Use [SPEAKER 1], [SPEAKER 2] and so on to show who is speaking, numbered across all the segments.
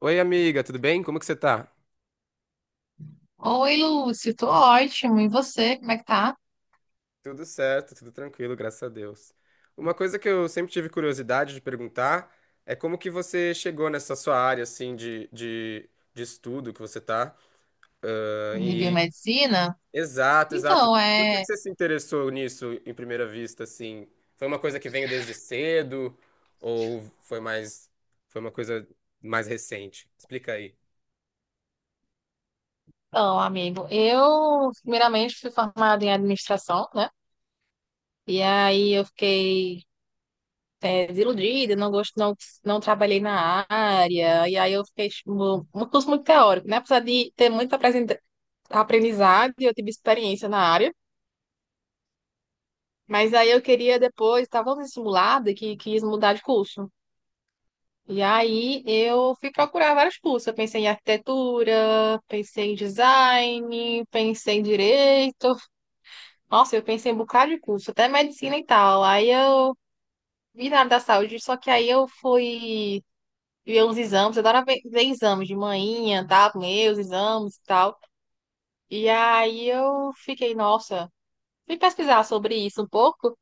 [SPEAKER 1] Oi, amiga, tudo bem? Como que você tá?
[SPEAKER 2] Oi, Lúcio, tô ótimo. E você, como é que tá?
[SPEAKER 1] Tudo certo, tudo tranquilo, graças a Deus. Uma coisa que eu sempre tive curiosidade de perguntar é como que você chegou nessa sua área, assim, de estudo que você tá. Ah,
[SPEAKER 2] De
[SPEAKER 1] E
[SPEAKER 2] biomedicina?
[SPEAKER 1] Exato, exato.
[SPEAKER 2] Então,
[SPEAKER 1] Por que que
[SPEAKER 2] é.
[SPEAKER 1] você se interessou nisso em primeira vista, assim? Foi uma coisa que veio desde cedo ou foi mais, foi uma coisa mais recente? Explica aí.
[SPEAKER 2] Então, amigo, eu primeiramente fui formada em administração, né? E aí eu fiquei desiludida, não gosto, não, não trabalhei na área. E aí eu fiquei tipo, um curso muito teórico, né? Apesar de ter muito aprendizado, eu tive experiência na área. Mas aí eu queria depois, estava simulada que quis mudar de curso. E aí eu fui procurar vários cursos. Eu pensei em arquitetura, pensei em design, pensei em direito. Nossa, eu pensei em um bocado de curso, até medicina e tal. Aí eu vi na área da saúde, só que aí eu fui ver uns exames. Eu adoro ver, ver exames de manhã, tá? Meus exames e tal. E aí eu fiquei, nossa, fui pesquisar sobre isso um pouco.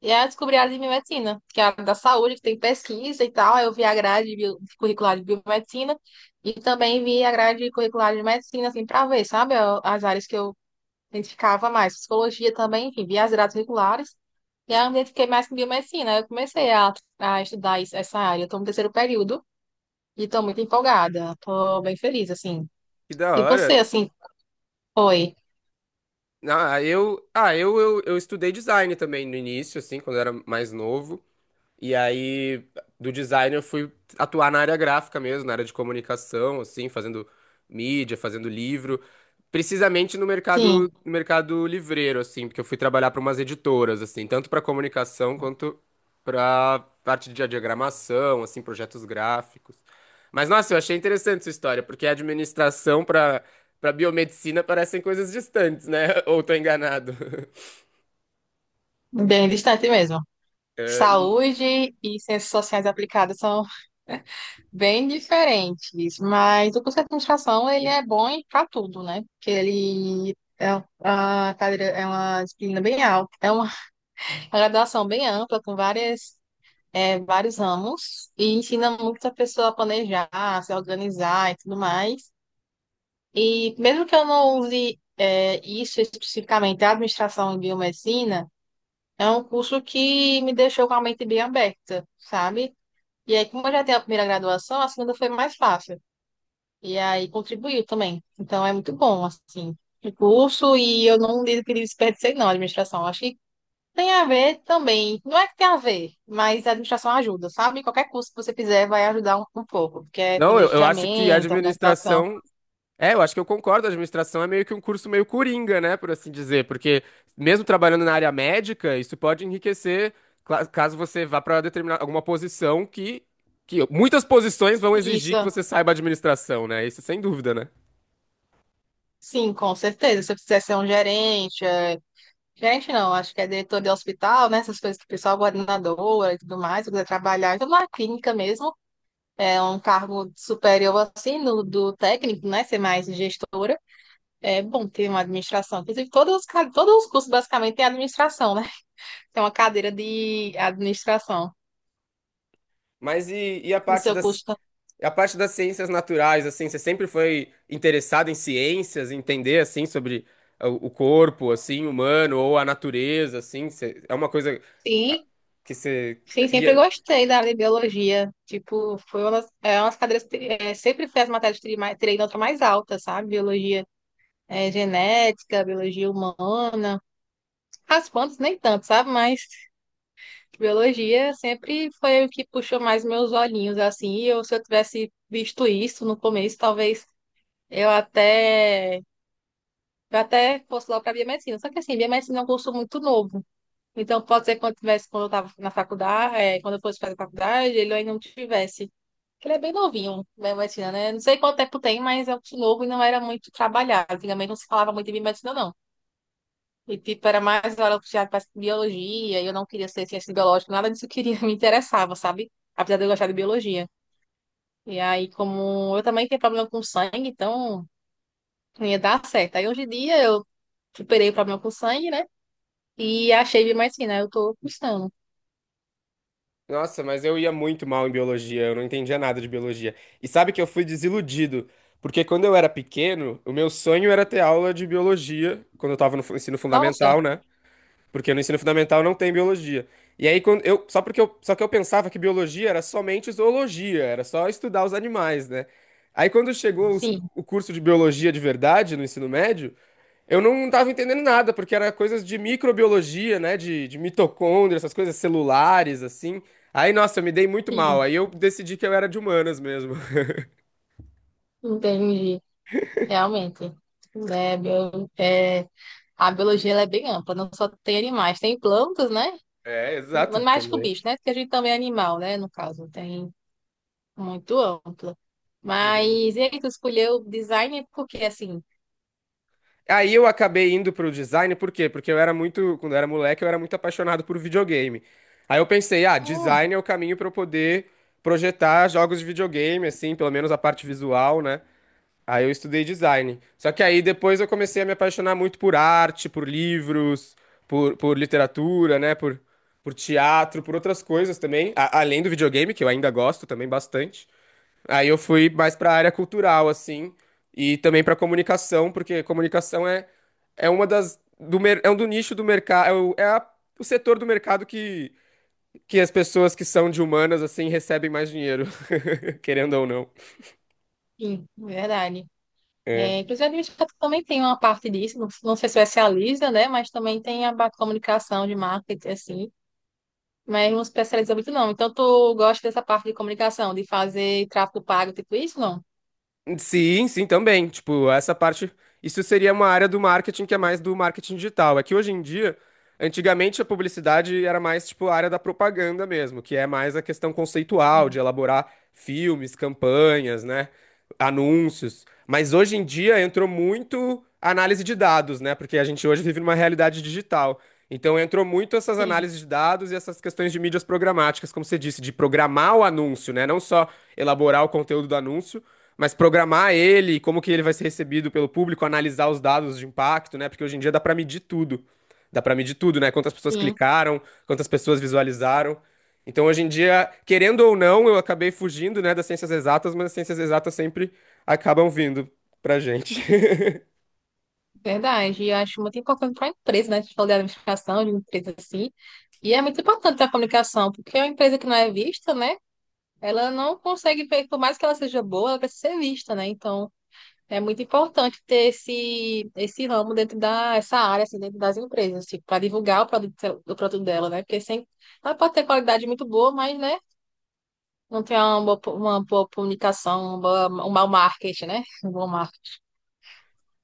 [SPEAKER 2] E aí eu descobri a área de biomedicina, que é a área da saúde, que tem pesquisa e tal. Aí eu vi a grade curricular de biomedicina e também vi a grade curricular de medicina, assim, para ver, sabe, as áreas que eu identificava mais. Psicologia também, enfim, vi as grades curriculares. E aí eu me identifiquei mais com biomedicina. Aí eu comecei a estudar essa área. Eu estou no terceiro período e estou muito empolgada. Estou bem feliz, assim.
[SPEAKER 1] Que da
[SPEAKER 2] E você,
[SPEAKER 1] hora.
[SPEAKER 2] assim, foi?
[SPEAKER 1] Eu estudei design também no início, assim, quando eu era mais novo. E aí, do design, eu fui atuar na área gráfica mesmo, na área de comunicação, assim, fazendo mídia, fazendo livro, precisamente no
[SPEAKER 2] Sim,
[SPEAKER 1] mercado, no mercado livreiro, assim, porque eu fui trabalhar para umas editoras, assim, tanto para comunicação quanto para parte de diagramação, assim, projetos gráficos. Mas, nossa, eu achei interessante essa história, porque a administração para biomedicina parecem coisas distantes, né? Ou tô enganado.
[SPEAKER 2] bem distante mesmo.
[SPEAKER 1] Eh, e-
[SPEAKER 2] Saúde e ciências sociais aplicadas são bem diferentes, mas o curso de administração ele é bom para tudo, né? Porque ele é uma cadeira, é uma disciplina bem alta, é uma uma graduação bem ampla com vários ramos e ensina muito a pessoa a planejar, a se organizar e tudo mais. E mesmo que eu não use isso especificamente, a administração em biomedicina é um curso que me deixou com a mente bem aberta, sabe? E aí, como eu já tenho a primeira graduação, a segunda foi mais fácil. E aí contribuiu também. Então é muito bom, assim, o curso, e eu não digo que desperdicei, não, a administração. Acho que tem a ver também. Não é que tem a ver, mas a administração ajuda, sabe? Qualquer curso que você fizer vai ajudar um pouco, porque é
[SPEAKER 1] Não, eu acho que a
[SPEAKER 2] planejamento, organização.
[SPEAKER 1] administração é, eu acho que eu concordo. A administração é meio que um curso meio coringa, né, por assim dizer, porque mesmo trabalhando na área médica, isso pode enriquecer caso você vá para determinar alguma posição que muitas posições vão exigir que
[SPEAKER 2] Isso,
[SPEAKER 1] você saiba administração, né? Isso sem dúvida, né?
[SPEAKER 2] sim, com certeza. Se você quiser ser um gerente, gerente não, acho que é diretor de hospital, né? Essas coisas que o pessoal, coordenadora e tudo mais, se quiser trabalhar, então na clínica mesmo, é um cargo superior assim, no, do técnico, né? Ser mais gestor. É bom ter uma administração. Inclusive, todos os, todos os cursos basicamente têm administração, né? Tem uma cadeira de administração
[SPEAKER 1] Mas e
[SPEAKER 2] no seu curso. Tá?
[SPEAKER 1] a parte das ciências naturais, assim, você sempre foi interessado em ciências, em entender assim sobre o corpo, assim, humano ou a natureza, assim, você- é uma coisa
[SPEAKER 2] Sim,
[SPEAKER 1] que você
[SPEAKER 2] sim, sempre gostei da área de biologia. Tipo, foi uma das, é, uma das cadeiras que sempre foi as matérias que tirei nota mais alta, sabe? Biologia genética, biologia humana. As plantas nem tanto, sabe? Mas biologia sempre foi o que puxou mais meus olhinhos, assim. E eu, se eu tivesse visto isso no começo, talvez eu até eu até fosse logo para biomedicina. Só que assim, biomedicina é um curso muito novo. Então, pode ser que quando tivesse, quando eu estava na faculdade, quando eu fosse fazer faculdade, ele ainda não tivesse. Porque ele é bem novinho, biomedicina, né? Não sei quanto tempo tem, mas é um curso novo e não era muito trabalhado. Antigamente não se falava muito de biomedicina, não. E, tipo, era mais hora puxada para biologia, e eu não queria ser ciência biológica, nada disso eu queria, me interessava, sabe? Apesar de eu gostar de biologia. E aí, como eu também tenho problema com sangue, então não ia dar certo. Aí, hoje em dia, eu superei o problema com sangue, né? E a Shave mais fina, eu tô custando.
[SPEAKER 1] Nossa, mas eu ia muito mal em biologia, eu não entendia nada de biologia. E sabe que eu fui desiludido, porque quando eu era pequeno, o meu sonho era ter aula de biologia, quando eu tava no ensino
[SPEAKER 2] Nossa,
[SPEAKER 1] fundamental, né? Porque no ensino fundamental não tem biologia. E aí quando eu, só porque eu, só que eu pensava que biologia era somente zoologia, era só estudar os animais, né? Aí quando chegou
[SPEAKER 2] sim,
[SPEAKER 1] o curso de biologia de verdade no ensino médio, eu não estava entendendo nada, porque era coisas de microbiologia, né? De mitocôndria, essas coisas celulares, assim. Aí, nossa, eu me dei muito mal.
[SPEAKER 2] sim,
[SPEAKER 1] Aí eu decidi que eu era de humanas mesmo.
[SPEAKER 2] entendi. Realmente. É, bio- é, a biologia ela é bem ampla, não só tem animais, tem plantas, né?
[SPEAKER 1] É, exato,
[SPEAKER 2] Mais que o
[SPEAKER 1] também.
[SPEAKER 2] bicho, né? Porque a gente também é animal, né? No caso, tem muito ampla. Mas e aí, tu escolheu design porque, assim,
[SPEAKER 1] Aí eu acabei indo pro design, por quê? Porque eu era muito, quando eu era moleque, eu era muito apaixonado por videogame. Aí eu pensei, ah,
[SPEAKER 2] hum,
[SPEAKER 1] design é o caminho para eu poder projetar jogos de videogame, assim, pelo menos a parte visual, né? Aí eu estudei design. Só que aí depois eu comecei a me apaixonar muito por arte, por livros, por literatura, né? Por teatro, por outras coisas também. Além do videogame, que eu ainda gosto também bastante. Aí eu fui mais pra área cultural, assim. E também pra comunicação, porque comunicação é, é uma das. Do, é um do nicho do mercado. É, o, o setor do mercado que as pessoas que são de humanas, assim, recebem mais dinheiro, querendo ou não.
[SPEAKER 2] sim, verdade. É,
[SPEAKER 1] É.
[SPEAKER 2] inclusive, a administração também tem uma parte disso, não, não se especializa, né? Mas também tem a parte de comunicação de marketing, assim. Mas não se especializa muito, não. Então, tu gosta dessa parte de comunicação, de fazer tráfego pago, tipo isso, não?
[SPEAKER 1] Sim, sim, também. Tipo, essa parte, isso seria uma área do marketing que é mais do marketing digital. É que hoje em dia, antigamente a publicidade era mais tipo a área da propaganda mesmo, que é mais a questão conceitual
[SPEAKER 2] Sim.
[SPEAKER 1] de elaborar filmes, campanhas, né, anúncios. Mas hoje em dia entrou muito a análise de dados, né? Porque a gente hoje vive numa realidade digital. Então entrou muito essas
[SPEAKER 2] Sim,
[SPEAKER 1] análises de dados e essas questões de mídias programáticas, como você disse, de programar o anúncio, né? Não só elaborar o conteúdo do anúncio, mas programar ele, como que ele vai ser recebido pelo público, analisar os dados de impacto, né? Porque hoje em dia dá para medir tudo. Dá para medir tudo, né? Quantas pessoas
[SPEAKER 2] sim.
[SPEAKER 1] clicaram, quantas pessoas visualizaram. Então, hoje em dia, querendo ou não, eu acabei fugindo, né, das ciências exatas, mas as ciências exatas sempre acabam vindo pra gente.
[SPEAKER 2] Verdade. E eu acho muito importante para a empresa, né? A gente falou de administração, de empresa assim. E é muito importante a comunicação, porque uma empresa que não é vista, né? Ela não consegue ver, por mais que ela seja boa, ela precisa ser vista, né? Então, é muito importante ter esse, esse ramo dentro da, essa área, assim, dentro das empresas, tipo, para divulgar o produto dela, né? Porque sem, ela pode ter qualidade muito boa, mas, né? Não tem uma boa, uma boa comunicação, um mau marketing, né? Um bom marketing.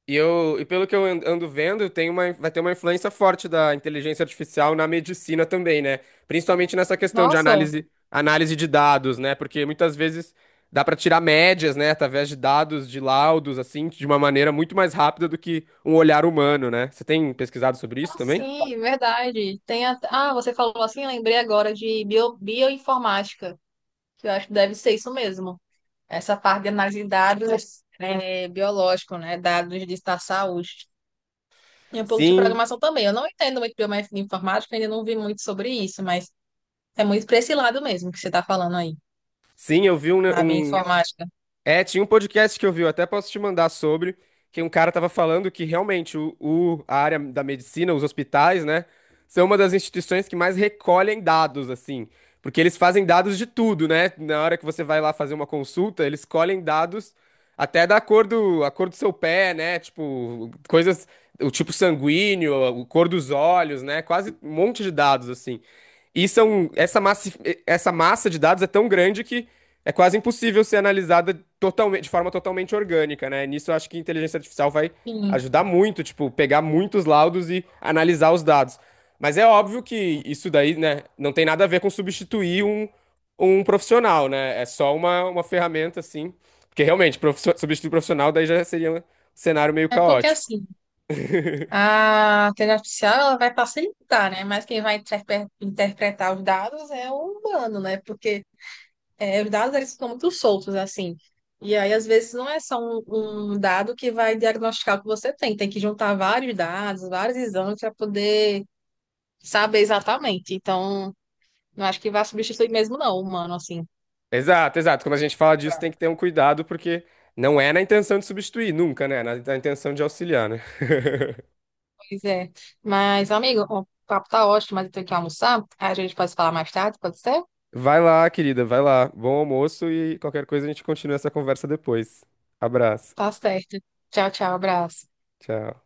[SPEAKER 1] E eu, e pelo que eu ando vendo, tem uma, vai ter uma influência forte da inteligência artificial na medicina também, né? Principalmente nessa questão de
[SPEAKER 2] Nossa,
[SPEAKER 1] análise, análise de dados, né? Porque muitas vezes dá para tirar médias, né, através de dados, de laudos, assim, de uma maneira muito mais rápida do que um olhar humano, né? Você tem pesquisado sobre isso
[SPEAKER 2] ah,
[SPEAKER 1] também?
[SPEAKER 2] sim, verdade. Ah, você falou assim, lembrei agora de bioinformática, que eu acho que deve ser isso mesmo. Essa parte de análise de dados biológico, né? Dados de da saúde. E um pouco de
[SPEAKER 1] Sim,
[SPEAKER 2] programação também. Eu não entendo muito de bioinformática, ainda não vi muito sobre isso, mas é muito para esse lado mesmo que você está falando aí,
[SPEAKER 1] sim, eu vi
[SPEAKER 2] a
[SPEAKER 1] um,
[SPEAKER 2] bioinformática.
[SPEAKER 1] é, tinha um podcast que eu vi, eu até posso te mandar sobre, que um cara tava falando que realmente a área da medicina, os hospitais, né, são uma das instituições que mais recolhem dados, assim, porque eles fazem dados de tudo, né? Na hora que você vai lá fazer uma consulta, eles colhem dados até da cor do, a cor do seu pé, né? Tipo, coisas, o tipo sanguíneo, a cor dos olhos, né? Quase um monte de dados, assim. E são, essa massa de dados é tão grande que é quase impossível ser analisada totalmente, de forma totalmente orgânica, né? Nisso eu acho que a inteligência artificial vai
[SPEAKER 2] Sim.
[SPEAKER 1] ajudar muito, tipo, pegar muitos laudos e analisar os dados. Mas é óbvio que isso daí, né, não tem nada a ver com substituir um, um profissional, né? É só uma ferramenta, assim. Porque realmente, substituir profissional daí já seria um cenário meio
[SPEAKER 2] É porque
[SPEAKER 1] caótico.
[SPEAKER 2] assim. A inteligência artificial ela vai facilitar, né? Mas quem vai interpretar os dados é o humano, né? Porque é, os dados eles ficam muito soltos, assim. E aí, às vezes, não é só um, um dado que vai diagnosticar o que você tem. Tem que juntar vários dados, vários exames para poder saber exatamente. Então, não acho que vai substituir mesmo, não, o humano, assim.
[SPEAKER 1] Exato, exato. Quando a gente fala disso, tem que
[SPEAKER 2] Tá.
[SPEAKER 1] ter um cuidado, porque não é na intenção de substituir, nunca, né? Na intenção de auxiliar, né?
[SPEAKER 2] Pois é. Mas, amigo, o papo tá ótimo, mas eu tenho que almoçar. Aí a gente pode falar mais tarde, pode ser?
[SPEAKER 1] Vai lá, querida, vai lá. Bom almoço e qualquer coisa a gente continua essa conversa depois. Abraço.
[SPEAKER 2] Tá certo. Tchau, tchau, abraço.
[SPEAKER 1] Tchau.